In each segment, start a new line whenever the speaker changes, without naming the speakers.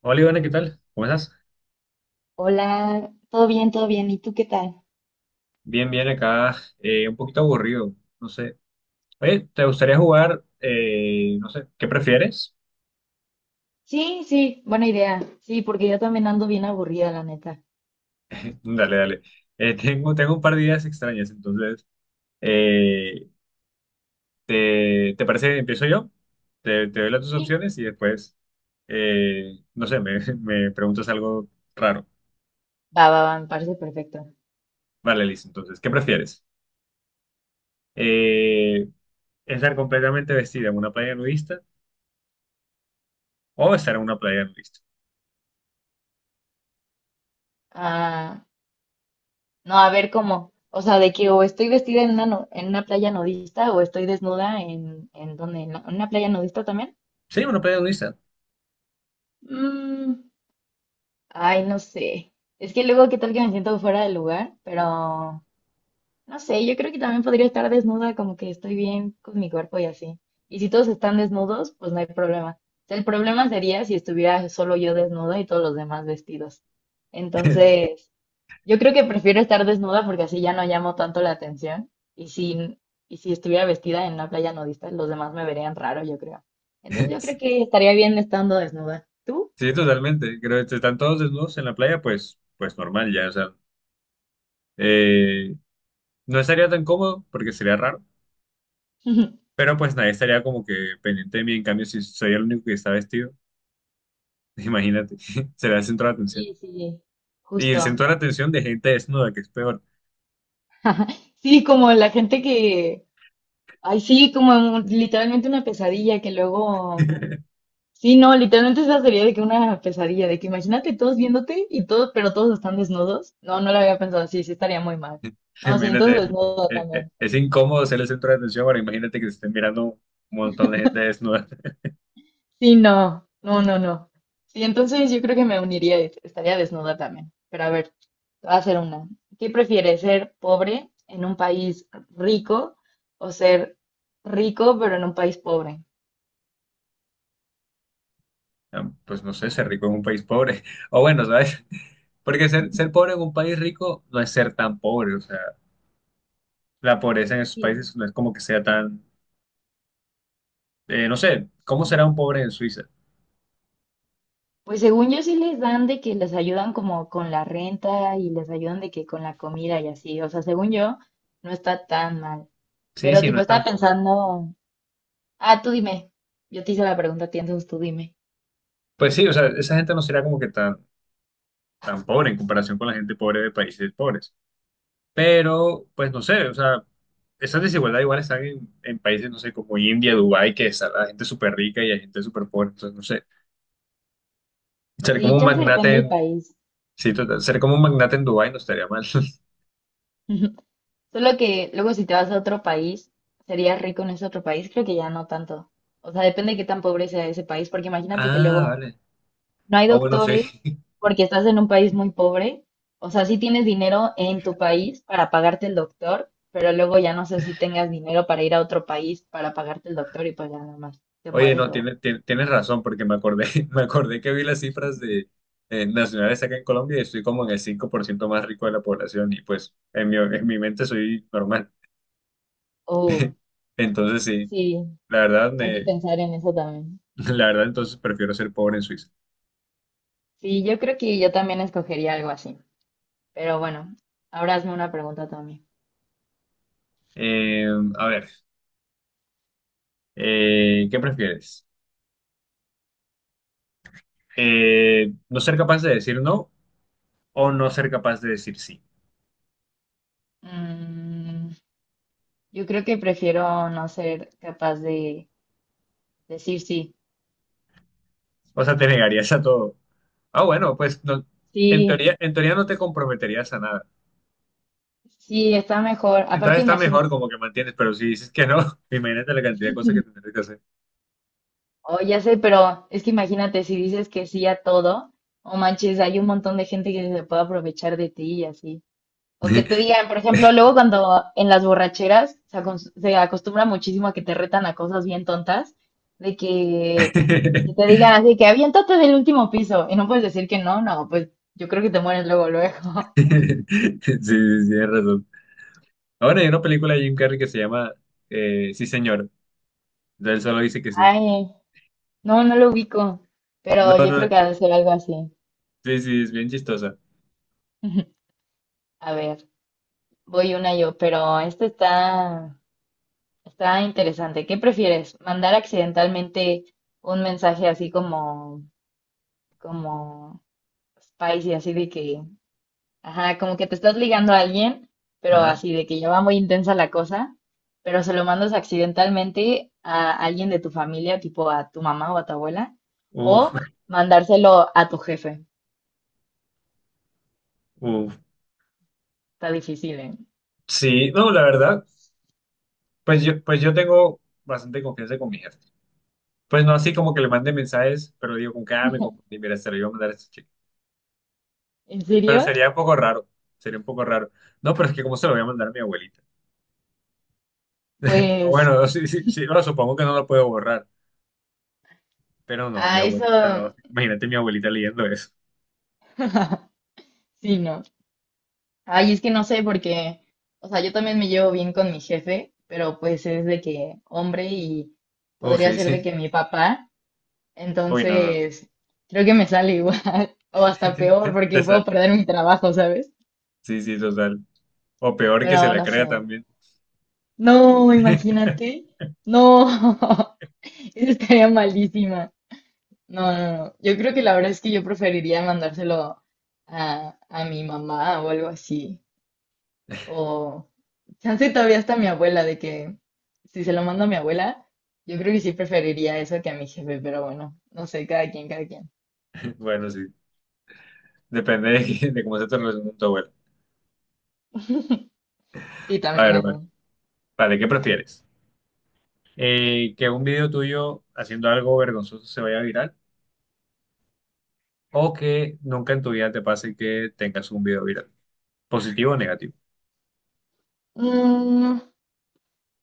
Hola Ivana, ¿qué tal? ¿Cómo estás?
Hola, todo bien, todo bien. ¿Y tú qué tal?
Bien, bien, acá un poquito aburrido, no sé. Oye, ¿te gustaría jugar? No sé, ¿qué prefieres?
Sí, sí, buena idea. Sí, porque yo también ando bien aburrida, la neta.
Dale, dale. Tengo un par de ideas extrañas, entonces, eh, ¿te parece? Que empiezo yo, te doy las dos
Sí.
opciones y después, no sé, me preguntas algo raro.
Va, va, va, me parece perfecto.
Vale, listo. Entonces, ¿qué prefieres? Eh, ¿Estar completamente vestida en una playa nudista o estar en una playa nudista?
Ah, no, a ver cómo. O sea, de que o estoy vestida en una, en una playa nudista o estoy desnuda en donde, en una playa nudista también.
Sí, una playa nudista.
Mm, ay, no sé. Es que luego, ¿qué tal que me siento fuera del lugar? Pero no sé, yo creo que también podría estar desnuda, como que estoy bien con mi cuerpo y así. Y si todos están desnudos, pues no hay problema. O sea, el problema sería si estuviera solo yo desnuda y todos los demás vestidos. Entonces, yo creo que prefiero estar desnuda porque así ya no llamo tanto la atención. Y si, y si estuviera vestida en una playa nudista, los demás me verían raro, yo creo. Entonces, yo creo que estaría bien estando desnuda. ¿Tú?
Sí, totalmente. Creo que si están todos desnudos en la playa, pues, pues normal ya. O sea, eh, no estaría tan cómodo porque sería raro, pero pues nadie estaría como que pendiente de mí. En cambio, si soy el único que está vestido, imagínate, será el centro de atención.
Sí, sí,
Y el
justo.
centro de atención de gente desnuda, que es peor.
Sí, como la gente que, ay, sí, como literalmente una pesadilla que luego. Sí, no, literalmente esa sería de que una pesadilla, de que imagínate todos viéndote y todos, pero todos están desnudos. No, no lo había pensado, sí, sí estaría muy mal. No, sí, entonces
Imagínate,
desnuda también.
es incómodo ser el centro de atención, ahora imagínate que te estén mirando un montón de gente desnuda.
Sí, no, no, no, no. Sí, entonces yo creo que me uniría, y estaría desnuda también. Pero a ver, te voy a hacer una. ¿Qué prefieres, ser pobre en un país rico o ser rico pero en un país pobre?
Ah, pues no sé, ser rico en un país pobre. O bueno, ¿sabes? Porque ser pobre en un país rico no es ser tan pobre, o sea. La pobreza en esos
Sí.
países no es como que sea tan, no sé, ¿cómo será un pobre en Suiza?
Pues según yo sí les dan de que les ayudan como con la renta y les ayudan de que con la comida y así. O sea, según yo, no está tan mal.
Sí,
Pero
sí, no
tipo,
es
estaba
tan pobre.
pensando, ah, tú dime. Yo te hice la pregunta a ti, entonces tú dime.
Pues sí, o sea, esa gente no será como que tan, tan pobre en comparación con la gente pobre de países pobres. Pero, pues no sé, o sea, esas desigualdades igual están en países, no sé, como India, Dubái, que está la gente súper rica y hay gente súper pobre. Entonces, no sé, ser como
Sí,
un
chance
magnate
depende del
en,
país.
sí, total, ser como un magnate en Dubái no estaría mal.
Solo que luego si te vas a otro país, serías rico en ese otro país, creo que ya no tanto. O sea, depende de qué tan pobre sea ese país, porque imagínate que
Ah,
luego
vale.
no hay
Ah, bueno, sí.
doctores porque estás en un país muy pobre. O sea, sí tienes dinero en tu país para pagarte el doctor, pero luego ya no sé si tengas dinero para ir a otro país para pagarte el doctor y pues ya nada más te
Oye,
mueres
no,
o...
tienes razón, porque me acordé, me acordé que vi las cifras de, nacionales acá en Colombia y estoy como en el 5% más rico de la población y pues en mi mente soy normal.
o-
Entonces sí,
sí,
la verdad,
hay que
me-
pensar en eso también.
la verdad entonces prefiero ser pobre en Suiza.
Sí, yo creo que yo también escogería algo así. Pero bueno, ahora hazme una pregunta también.
Eh, a ver, ¿qué prefieres? ¿No ser capaz de decir no o no ser capaz de decir sí?
Mm, yo creo que prefiero no ser capaz de decir sí.
O sea, te negarías a todo. Ah, bueno, pues no,
Sí,
en teoría no te comprometerías a nada.
sí, está mejor.
Entonces
Aparte,
está
imagino,
mejor como que mantienes, pero si dices que no, imagínate la cantidad de cosas que tendrás que hacer.
oh, ya sé, pero es que imagínate si dices que sí a todo, o manches, hay un montón de gente que se puede aprovechar de ti y así. O que te digan, por ejemplo, luego cuando en las borracheras se, se acostumbra muchísimo a que te retan a cosas bien tontas, de que te digan así, que aviéntate del último piso y no puedes decir que no, no, pues yo creo que te mueres luego, luego.
Sí, sí, sí, tienes razón. Ahora hay una película de Jim Carrey que se llama Sí, señor. Entonces él solo dice que sí.
Ay, no, no lo ubico,
No,
pero yo creo
no,
que ha de ser algo así.
sí, sí, es bien chistosa.
A ver, voy una yo, pero esta está... Está interesante. ¿Qué prefieres? ¿Mandar accidentalmente un mensaje así como, como spicy, así de que, ajá, como que te estás ligando a alguien, pero
Ajá.
así de que ya va muy intensa la cosa, pero se lo mandas accidentalmente a alguien de tu familia, tipo a tu mamá o a tu abuela,
Uf,
o mandárselo a tu jefe?
uf.
Está difícil, ¿eh?
Sí, no, la verdad, pues yo tengo bastante confianza con mi jefe. Pues no así como que le mande mensajes, pero digo, con cada me confundí, mira, se lo iba a mandar a este chico.
¿En
Pero
serio?
sería un poco raro, sería un poco raro. No, pero es que cómo se lo voy a mandar a mi abuelita.
Pues
Bueno, sí, sí, sí, no, supongo que no lo puedo borrar, pero no, mi
a eso,
abuelita no. Imagínate mi abuelita leyendo eso.
sí, no. Ay, es que no sé porque, o sea, yo también me llevo bien con mi jefe, pero pues es de que hombre y
Oh,
podría
sí,
ser
sí.
de que mi papá,
Uy, no, no, no.
entonces creo que me sale igual o hasta peor porque
Te sale.
puedo perder mi trabajo, ¿sabes?
Sí, sí, total. O peor que se
Pero
la
no sé.
crea también.
No, imagínate. No, eso estaría malísima. No, no, no. Yo creo que la verdad es que yo preferiría mandárselo a mi mamá o algo así. O, chance todavía está mi abuela, de que si se lo mando a mi abuela, yo creo que sí preferiría eso que a mi jefe, pero bueno, no sé, cada quien, cada quien.
Bueno, sí. Depende de, de cómo se te relaciona con tu abuela.
Sí,
A
también
ver, vale.
eso.
Vale, ¿qué prefieres? ¿Que un video tuyo haciendo algo vergonzoso se vaya viral? ¿O que nunca en tu vida te pase que tengas un video viral? ¿Positivo o negativo?
Mm,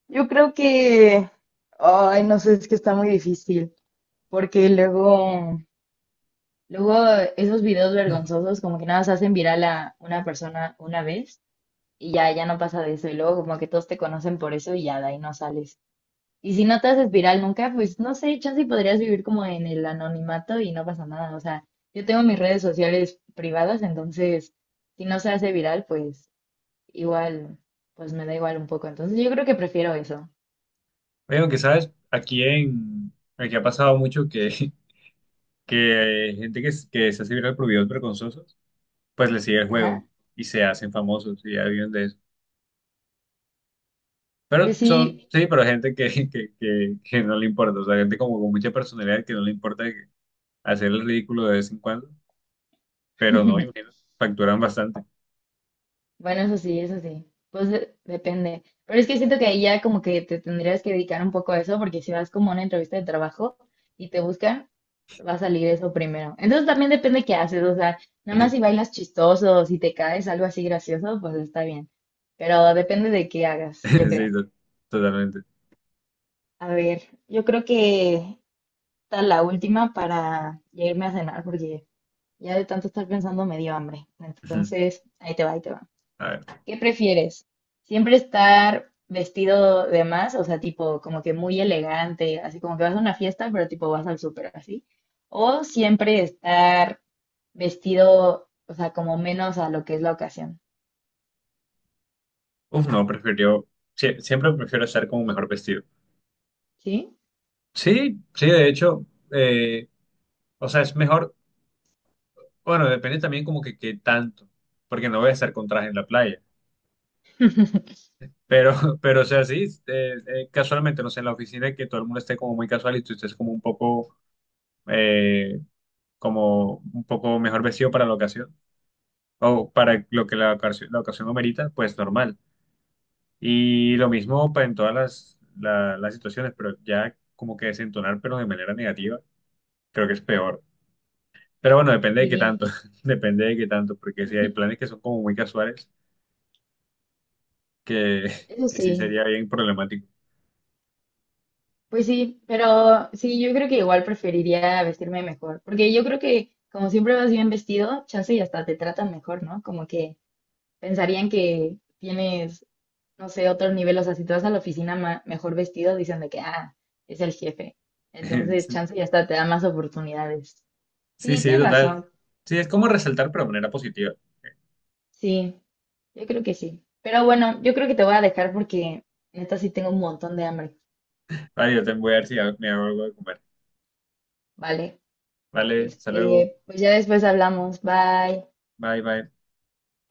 yo creo que, ay, no sé, es que está muy difícil, porque luego, luego esos videos vergonzosos como que nada más hacen viral a una persona una vez y ya, ya no pasa de eso, y luego como que todos te conocen por eso y ya de ahí no sales. Y si no te haces viral nunca, pues no sé, chance y podrías vivir como en el anonimato y no pasa nada. O sea, yo tengo mis redes sociales privadas, entonces si no se hace viral, pues igual, pues me da igual un poco. Entonces yo creo que prefiero eso.
Oye, aunque sabes, aquí en... Aquí ha pasado mucho que gente que, que se hace viral por videos vergonzosos, pues le sigue el
Ajá.
juego y se hacen famosos y ya viven de eso.
Pues
Pero son,
sí.
sí, pero gente que, que no le importa, o sea, gente como con mucha personalidad que no le importa que- hacer el ridículo de vez en cuando, pero no, imagínate, facturan bastante.
Bueno, eso sí, eso sí. Pues depende. Pero es que siento que ahí ya como que te tendrías que dedicar un poco a eso, porque si vas como a una entrevista de trabajo y te buscan, va a salir eso primero. Entonces también depende qué haces, o sea, nada más si bailas chistoso, o si te caes algo así gracioso, pues está bien. Pero depende de qué hagas, yo
Sí,
creo.
totalmente.
A ver, yo creo que está la última para ya irme a cenar, porque ya de tanto estar pensando me dio hambre. Entonces, ahí te va, ahí te va.
A ver,
¿Qué prefieres? ¿Siempre estar vestido de más? O sea, tipo, como que muy elegante, así como que vas a una fiesta, pero tipo vas al súper, así. ¿O siempre estar vestido, o sea, como menos a lo que es la ocasión?
uf, no, prefiero, siempre prefiero estar como mejor vestido.
¿Sí?
Sí, sí, de hecho, eh, o sea, es mejor. Bueno, depende también como que qué tanto, porque no voy a estar con traje en la playa. Pero, pero o sea, sí, casualmente, no sé, en la oficina que todo el mundo esté como muy casual y tú estés eh, como un poco mejor vestido para la ocasión, o para lo que la ocasión lo merita, pues normal. Y lo mismo pues, en todas las situaciones, pero ya como que desentonar, pero de manera negativa, creo que es peor. Pero bueno, depende de qué
Sí,
tanto, depende de qué tanto, porque si hay planes que son como muy casuales que,
eso
que sí
sí.
sería bien problemático.
Pues sí, pero sí, yo creo que igual preferiría vestirme mejor, porque yo creo que como siempre vas bien vestido, chance y hasta te tratan mejor, ¿no? Como que pensarían que tienes no sé, otro nivel. O sea, si te vas a la oficina mejor vestido, dicen de que, ah, es el jefe. Entonces, chance ya hasta te da más oportunidades.
Sí,
Sí,
sí,
tienes
total.
razón.
Sí, es como resaltar, pero de manera positiva.
Sí, yo creo que sí. Pero bueno, yo creo que te voy a dejar porque neta sí tengo un montón de hambre,
Vale, yo te voy a ver si me hago algo de comer.
¿vale?
Vale, hasta luego.
Este, pues ya después hablamos. Bye.
Bye, bye.